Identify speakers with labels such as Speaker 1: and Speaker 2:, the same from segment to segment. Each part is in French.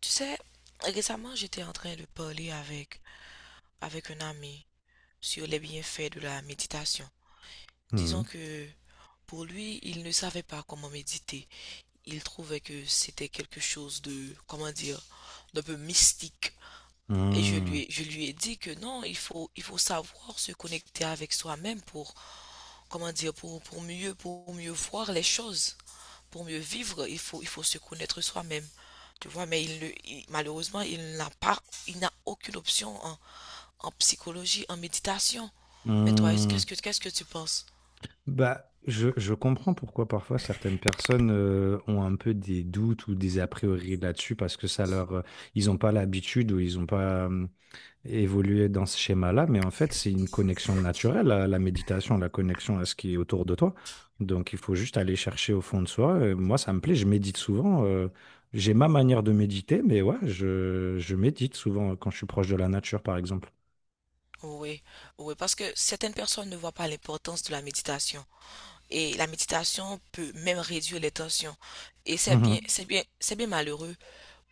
Speaker 1: Tu sais, récemment, j'étais en train de parler avec, avec un ami sur les bienfaits de la méditation. Disons
Speaker 2: Mmh
Speaker 1: que pour lui, il ne savait pas comment méditer. Il trouvait que c'était quelque chose de, comment dire, d'un peu mystique.
Speaker 2: mh. Mmh.
Speaker 1: Je lui ai dit que non, il faut savoir se connecter avec soi-même pour, comment dire, pour, pour mieux voir les choses, pour mieux vivre, il faut se connaître soi-même. Tu vois, mais malheureusement, il n'a aucune option en, en psychologie, en méditation. Mais toi,
Speaker 2: Mmh.
Speaker 1: qu'est-ce que tu penses?
Speaker 2: Bah, je comprends pourquoi parfois certaines personnes, ont un peu des doutes ou des a priori là-dessus parce que ça leur, ils n'ont pas l'habitude ou ils n'ont pas, évolué dans ce schéma-là, mais en fait, c'est une connexion naturelle à la méditation, la connexion à ce qui est autour de toi. Donc il faut juste aller chercher au fond de soi et moi, ça me plaît, je médite souvent, j'ai ma manière de méditer, mais ouais, je médite souvent quand je suis proche de la nature, par exemple.
Speaker 1: Oui, oui, parce que certaines personnes ne voient pas l'importance de la méditation. Et la méditation peut même réduire les tensions. Et c'est
Speaker 2: Mmh
Speaker 1: bien,
Speaker 2: mh.
Speaker 1: c'est bien malheureux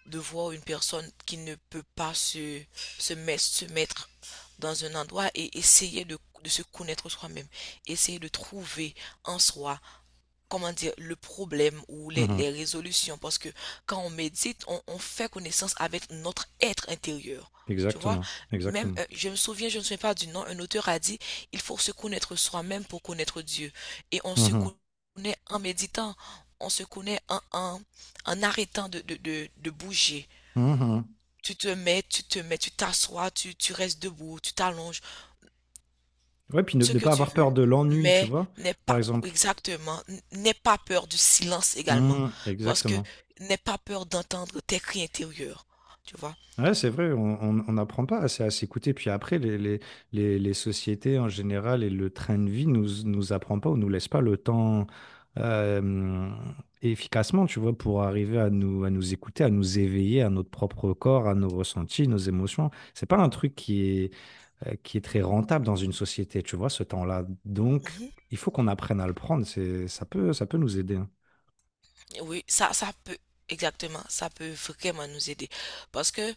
Speaker 1: de voir une personne qui ne peut pas se, se mettre dans un endroit et essayer de se connaître soi-même, essayer de trouver en soi, comment dire, le problème ou
Speaker 2: Mmh.
Speaker 1: les résolutions. Parce que quand on médite, on fait connaissance avec notre être intérieur. Tu vois,
Speaker 2: Exactement,
Speaker 1: même,
Speaker 2: exactement.
Speaker 1: je me souviens, je ne me souviens pas du nom, un auteur a dit, il faut se connaître soi-même pour connaître Dieu. Et on se
Speaker 2: Mhm,
Speaker 1: connaît en méditant, on se connaît en, en arrêtant de bouger.
Speaker 2: mhm.
Speaker 1: Tu te mets, tu t'assois, tu restes debout, tu t'allonges,
Speaker 2: Ouais, puis
Speaker 1: ce
Speaker 2: ne
Speaker 1: que
Speaker 2: pas
Speaker 1: tu
Speaker 2: avoir
Speaker 1: veux,
Speaker 2: peur de l'ennui, tu
Speaker 1: mais
Speaker 2: vois,
Speaker 1: n'aie
Speaker 2: par
Speaker 1: pas,
Speaker 2: exemple.
Speaker 1: exactement, n'aie pas peur du silence également,
Speaker 2: Mhm,
Speaker 1: parce que
Speaker 2: exactement.
Speaker 1: n'aie pas peur d'entendre tes cris intérieurs, tu vois.
Speaker 2: Ouais, c'est vrai, on n'apprend pas assez à s'écouter. Puis après, les sociétés en général et le train de vie nous, nous apprend pas ou nous laisse pas le temps euh, efficacement, tu vois, pour arriver à nous écouter, à nous éveiller à notre propre corps, à nos ressentis, nos émotions. C'est pas un truc qui, qui est très rentable dans une société, tu vois, ce temps-là. Donc,
Speaker 1: Mhm.
Speaker 2: il faut qu'on apprenne à le prendre. C'est, ça peut nous aider, hein.
Speaker 1: Oui, ça, exactement, ça peut vraiment nous aider, parce que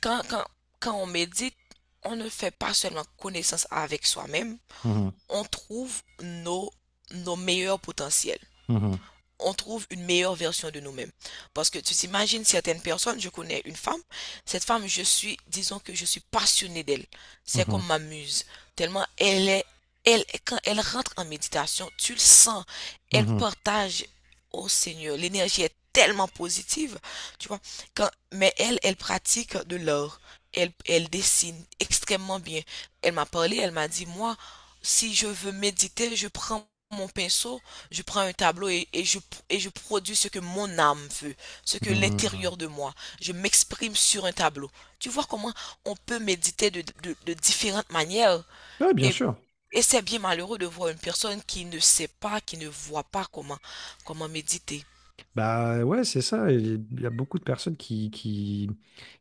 Speaker 1: quand, quand on médite, on ne fait pas seulement connaissance avec soi-même,
Speaker 2: Mhm,
Speaker 1: on trouve nos, nos meilleurs potentiels.
Speaker 2: mhm,
Speaker 1: On trouve une meilleure version de nous-mêmes. Parce que tu t'imagines certaines personnes, je connais une femme, cette femme, je suis, disons que je suis passionnée d'elle. C'est
Speaker 2: mhm,
Speaker 1: comme ma muse. Tellement elle est, elle, quand elle rentre en méditation, tu le sens, elle
Speaker 2: mhm,
Speaker 1: partage au Seigneur. L'énergie est tellement positive, tu vois. Quand, mais elle, elle pratique de l'art. Elle, elle dessine extrêmement bien. Elle m'a parlé, elle m'a dit, moi, si je veux méditer, je prends mon pinceau, je prends un tableau et je produis ce que mon âme veut, ce que
Speaker 2: mhm.
Speaker 1: l'intérieur de moi. Je m'exprime sur un tableau. Tu vois comment on peut méditer de, de différentes manières.
Speaker 2: Ouais, bien
Speaker 1: Et,
Speaker 2: sûr.
Speaker 1: et c'est bien malheureux de voir une personne qui ne sait pas, qui ne voit pas comment, comment méditer.
Speaker 2: Bah ouais, c'est ça. Il y a beaucoup de personnes qui qui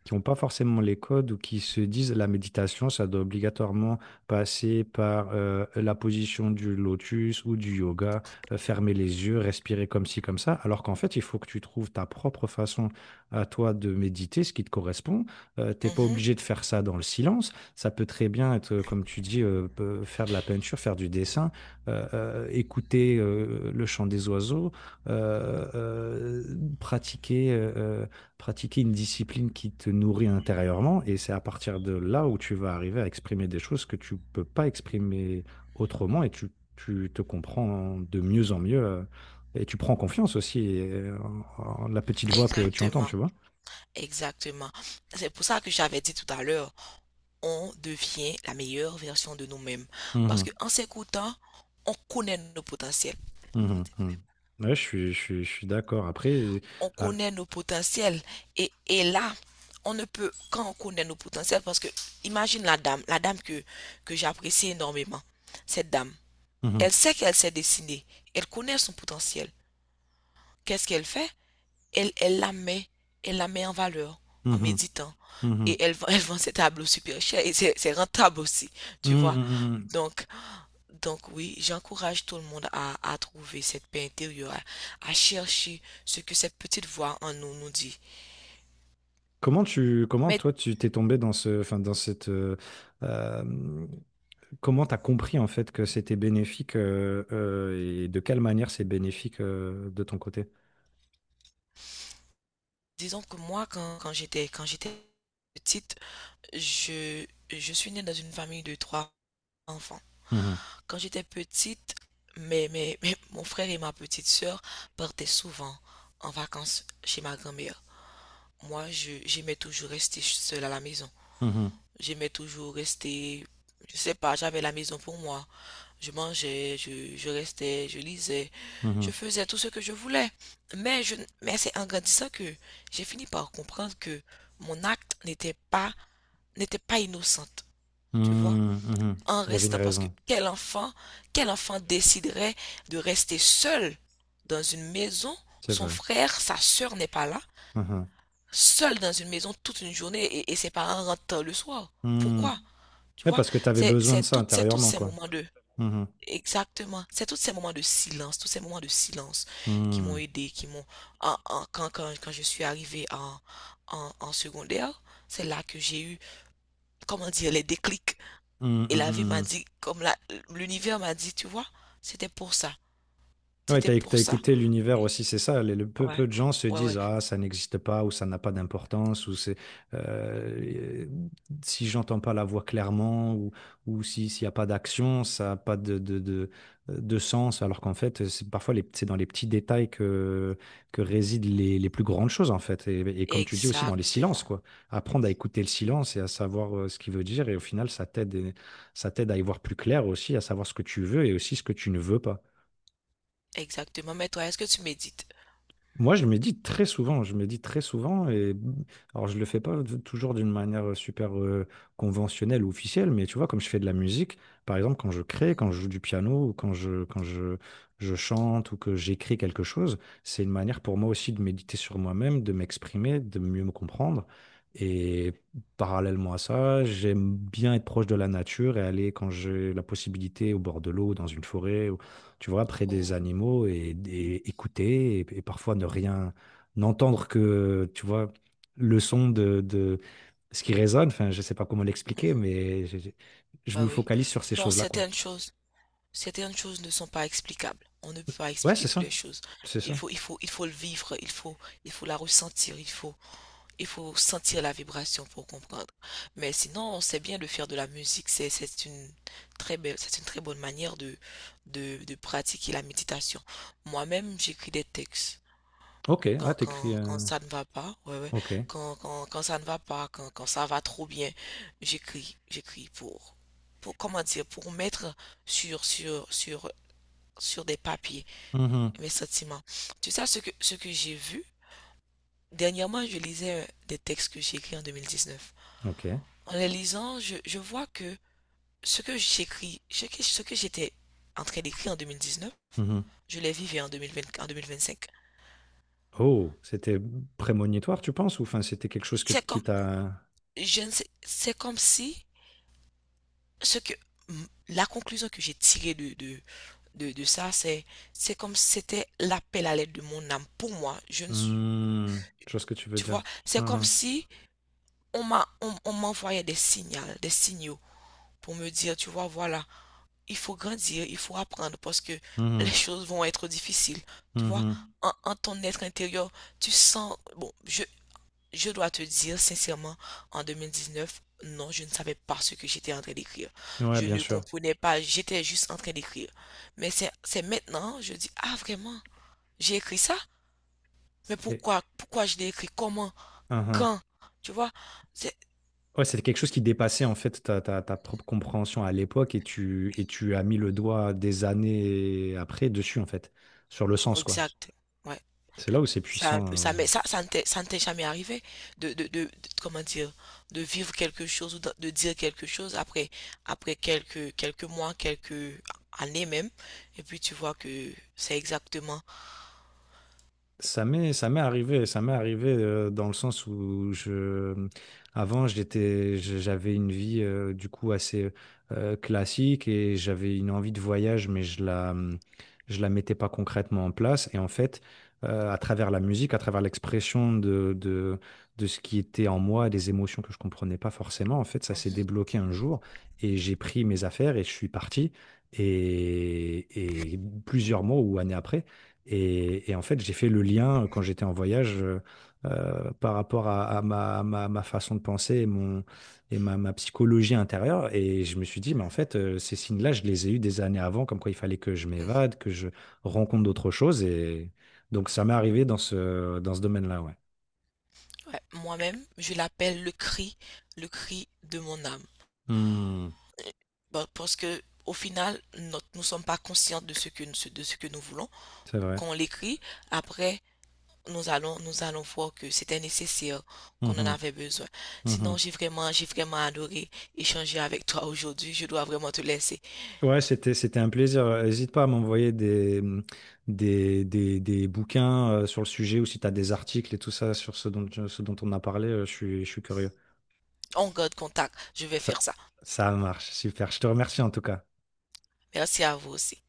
Speaker 2: qui n'ont pas forcément les codes ou qui se disent la méditation, ça doit obligatoirement passer par la position du lotus ou du yoga, fermer les yeux, respirer comme ci, comme ça. Alors qu'en fait, il faut que tu trouves ta propre façon à toi de méditer, ce qui te correspond. T'es pas
Speaker 1: Mhm.
Speaker 2: obligé de faire ça dans le silence. Ça peut très bien être, comme tu dis, faire de la peinture, faire du dessin, écouter le chant des oiseaux euh, euh, pratiquer, euh, pratiquer une discipline qui te nourrit intérieurement. Et c'est à partir de là où tu vas arriver à exprimer des choses que tu peux pas exprimer autrement et tu te comprends de mieux en mieux. Et tu prends confiance aussi, en la petite voix que tu entends,
Speaker 1: Exactement.
Speaker 2: tu vois.
Speaker 1: Exactement. C'est pour ça que j'avais dit tout à l'heure. On devient la meilleure version de nous-mêmes. Parce
Speaker 2: Mhm,
Speaker 1: qu'en s'écoutant, on connaît nos potentiels.
Speaker 2: mhm, mhm. Ouais, je suis d'accord. Après,
Speaker 1: On
Speaker 2: ah,
Speaker 1: connaît nos potentiels. Et là, on ne peut, quand on connaît nos potentiels, parce que imagine la dame que j'apprécie énormément, cette dame,
Speaker 2: mhm,
Speaker 1: elle sait qu'elle s'est dessinée, elle connaît son potentiel. Qu'est-ce qu'elle fait? Elle, elle la met en valeur en
Speaker 2: mhm,
Speaker 1: méditant.
Speaker 2: mhm.
Speaker 1: Elle vend ses tableaux super chers et c'est rentable aussi,
Speaker 2: Mhm,
Speaker 1: tu vois.
Speaker 2: mhm, mhm.
Speaker 1: Donc, Donc oui, j'encourage tout le monde à trouver cette paix intérieure, à chercher ce que cette petite voix en nous nous dit.
Speaker 2: Comment comment
Speaker 1: Mais
Speaker 2: toi tu t'es tombé dans ce, enfin dans cette, euh, comment t'as compris en fait que c'était bénéfique, et de quelle manière c'est bénéfique, de ton côté?
Speaker 1: disons que moi, quand, quand j'étais petite, je suis née dans une famille de 3 enfants.
Speaker 2: Mhm,
Speaker 1: Quand j'étais petite, mais mon frère et ma petite sœur partaient souvent en vacances chez ma grand-mère. Moi, je, j'aimais toujours rester seule à la maison.
Speaker 2: mhm,
Speaker 1: J'aimais toujours rester, je sais pas, j'avais la maison pour moi. Je mangeais, je, je lisais, je
Speaker 2: mhm,
Speaker 1: faisais tout ce que je voulais. Mais je, mais c'est en grandissant que j'ai fini par comprendre que mon acte n'était pas innocente,
Speaker 2: mhm,
Speaker 1: tu vois.
Speaker 2: mhm.
Speaker 1: En
Speaker 2: Il y avait une
Speaker 1: restant, parce que
Speaker 2: raison,
Speaker 1: quel enfant déciderait de rester seul dans une maison?
Speaker 2: c'est
Speaker 1: Son
Speaker 2: vrai.
Speaker 1: frère, sa sœur n'est pas là,
Speaker 2: Mhm,
Speaker 1: seul dans une maison toute une journée et ses parents rentrent tard le soir.
Speaker 2: mhm.
Speaker 1: Pourquoi? Tu
Speaker 2: Ouais,
Speaker 1: vois,
Speaker 2: parce que tu avais
Speaker 1: c'est,
Speaker 2: besoin de ça
Speaker 1: c'est tous
Speaker 2: intérieurement
Speaker 1: ces
Speaker 2: quoi.
Speaker 1: moments de,
Speaker 2: Mhm,
Speaker 1: exactement. C'est tous ces moments de silence, tous ces moments de silence qui m'ont
Speaker 2: mhm,
Speaker 1: aidé, qui m'ont... quand, quand je suis arrivée en, en secondaire, c'est là que j'ai eu, comment dire, les déclics.
Speaker 2: mhm,
Speaker 1: Et la vie
Speaker 2: mhm,
Speaker 1: m'a
Speaker 2: mhm.
Speaker 1: dit, comme la, l'univers m'a dit, tu vois, c'était pour ça,
Speaker 2: Ouais,
Speaker 1: c'était pour
Speaker 2: t'as
Speaker 1: ça.
Speaker 2: écouté l'univers aussi, c'est ça.
Speaker 1: Ouais,
Speaker 2: Peu de gens se
Speaker 1: ouais,
Speaker 2: disent,
Speaker 1: ouais,
Speaker 2: ah, ça n'existe pas, ou ça n'a pas d'importance, ou c'est, euh, si j'entends pas la voix clairement, ou si, s'il n'y a pas d'action, ça n'a pas de sens. Alors qu'en fait, c'est parfois c'est dans les petits détails que résident les plus grandes choses, en fait. Et comme tu dis aussi, dans les silences,
Speaker 1: exactement,
Speaker 2: quoi. Apprendre à écouter le silence et à savoir ce qu'il veut dire. Et au final, ça t'aide à y voir plus clair aussi, à savoir ce que tu veux et aussi ce que tu ne veux pas.
Speaker 1: exactement. Mais toi, est-ce que tu médites?
Speaker 2: Moi, je médite très souvent, je médite très souvent, et alors je le fais pas toujours d'une manière super conventionnelle ou officielle, mais tu vois, comme je fais de la musique, par exemple, quand je crée, quand je joue du piano, ou quand je chante ou que j'écris quelque chose, c'est une manière pour moi aussi de méditer sur moi-même, de m'exprimer, de mieux me comprendre. Et parallèlement à ça, j'aime bien être proche de la nature et aller, quand j'ai la possibilité, au bord de l'eau, dans une forêt, tu vois, près des
Speaker 1: Oh,
Speaker 2: animaux et écouter et parfois ne rien, n'entendre que, tu vois, le son de ce qui résonne. Enfin, je sais pas comment l'expliquer,
Speaker 1: mhm,
Speaker 2: mais je
Speaker 1: bah
Speaker 2: me
Speaker 1: oui.
Speaker 2: focalise sur ces
Speaker 1: Non,
Speaker 2: choses-là, quoi.
Speaker 1: certaines choses. Certaines choses ne sont pas explicables. On ne peut pas
Speaker 2: Ouais,
Speaker 1: expliquer
Speaker 2: c'est
Speaker 1: toutes les
Speaker 2: ça.
Speaker 1: choses.
Speaker 2: C'est
Speaker 1: Il
Speaker 2: ça.
Speaker 1: faut, il faut le vivre, il faut la ressentir, il faut sentir la vibration pour comprendre. Mais sinon, on sait bien de faire de la musique. C'est une très belle, c'est une très bonne manière de, de pratiquer la méditation. Moi-même, j'écris des textes.
Speaker 2: Ok. Ah,
Speaker 1: Quand,
Speaker 2: t'écris.
Speaker 1: quand ça ne va pas, ouais, ouais.
Speaker 2: Ok.
Speaker 1: Quand, quand ça ne va pas, quand, quand ça va trop bien, j'écris, j'écris pour, comment dire, pour mettre sur, sur des papiers
Speaker 2: Mhm.
Speaker 1: mes sentiments. Tu sais ce que j'ai vu? Dernièrement, je lisais des textes que j'ai écrits en 2019.
Speaker 2: Ok.
Speaker 1: En les lisant, je vois que ce que j'écris, ce que j'étais en train d'écrire en 2019,
Speaker 2: Mhm.
Speaker 1: je les vivais en 2020, en 2025.
Speaker 2: Oh, c'était prémonitoire, tu penses? Ou enfin, c'était quelque chose que,
Speaker 1: C'est comme,
Speaker 2: qui t'a.
Speaker 1: je ne sais, c'est comme si ce que, la conclusion que j'ai tirée de, de ça, c'est comme si c'était l'appel à l'aide de mon âme. Pour moi, je ne suis,
Speaker 2: Hmm, je vois ce que tu veux
Speaker 1: tu
Speaker 2: dire.
Speaker 1: vois, c'est comme
Speaker 2: Mhm.
Speaker 1: si on m'a, on m'envoyait des signaux pour me dire, tu vois, voilà, il faut grandir, il faut apprendre parce que les
Speaker 2: Mhm.
Speaker 1: choses vont être difficiles. Tu vois, en, en ton être intérieur, tu sens, bon, je dois te dire sincèrement, en 2019, non, je ne savais pas ce que j'étais en train d'écrire.
Speaker 2: Mhm. Ouais,
Speaker 1: Je
Speaker 2: bien
Speaker 1: ne
Speaker 2: sûr.
Speaker 1: comprenais pas, j'étais juste en train d'écrire. Mais c'est maintenant, je dis, ah vraiment, j'ai écrit ça? Mais
Speaker 2: Et...
Speaker 1: pourquoi, pourquoi je l'ai écrit? Comment?
Speaker 2: Mhm.
Speaker 1: Quand? Tu vois? C'est,
Speaker 2: Ouais, c'était quelque chose qui dépassait en fait ta propre compréhension à l'époque et et tu as mis le doigt des années après dessus en fait, sur le sens quoi.
Speaker 1: exact. Ouais.
Speaker 2: C'est là où c'est
Speaker 1: C'est un
Speaker 2: puissant.
Speaker 1: peu ça, mais ça, ça ne t'est jamais arrivé de, de- comment dire, de vivre quelque chose ou de dire quelque chose après, après quelques, quelques mois, quelques années même, et puis tu vois que c'est exactement.
Speaker 2: Ça m'est arrivé dans le sens où avant j'avais une vie du coup assez classique et j'avais une envie de voyage, mais je je la mettais pas concrètement en place. Et en fait, à travers la musique, à travers l'expression de ce qui était en moi, des émotions que je comprenais pas forcément, en fait, ça s'est
Speaker 1: Mhm,
Speaker 2: débloqué un jour et j'ai pris mes affaires et je suis parti. Et plusieurs mois ou années après. Et en fait, j'ai fait le lien quand j'étais en voyage, par rapport à ma, ma façon de penser, et ma psychologie intérieure. Et je me suis dit, mais en
Speaker 1: mhm,
Speaker 2: fait, ces signes-là, je les ai eus des années avant, comme quoi il fallait que je
Speaker 1: mhm.
Speaker 2: m'évade, que je rencontre d'autres choses. Et donc, ça m'est arrivé dans ce domaine-là, ouais.
Speaker 1: Ouais, moi-même, je l'appelle le cri de mon âme.
Speaker 2: Hmm,
Speaker 1: Et- bah, parce que au final, notre- nous ne sommes pas conscients de ce que nous voulons.
Speaker 2: c'est vrai.
Speaker 1: Quand on l'écrit, après, nous allons voir que c'était nécessaire, qu'on en
Speaker 2: Mhm,
Speaker 1: avait besoin. Sinon,
Speaker 2: mhm.
Speaker 1: j'ai vraiment adoré échanger avec toi aujourd'hui. Je dois vraiment te laisser.
Speaker 2: Ouais, c'était, c'était un plaisir. N'hésite pas à m'envoyer des bouquins sur le sujet ou si tu as des articles et tout ça sur ce dont on a parlé, je suis curieux.
Speaker 1: On garde contact. Je vais
Speaker 2: Ça,
Speaker 1: faire ça.
Speaker 2: ça marche, super. Je te remercie en tout cas.
Speaker 1: Merci à vous aussi.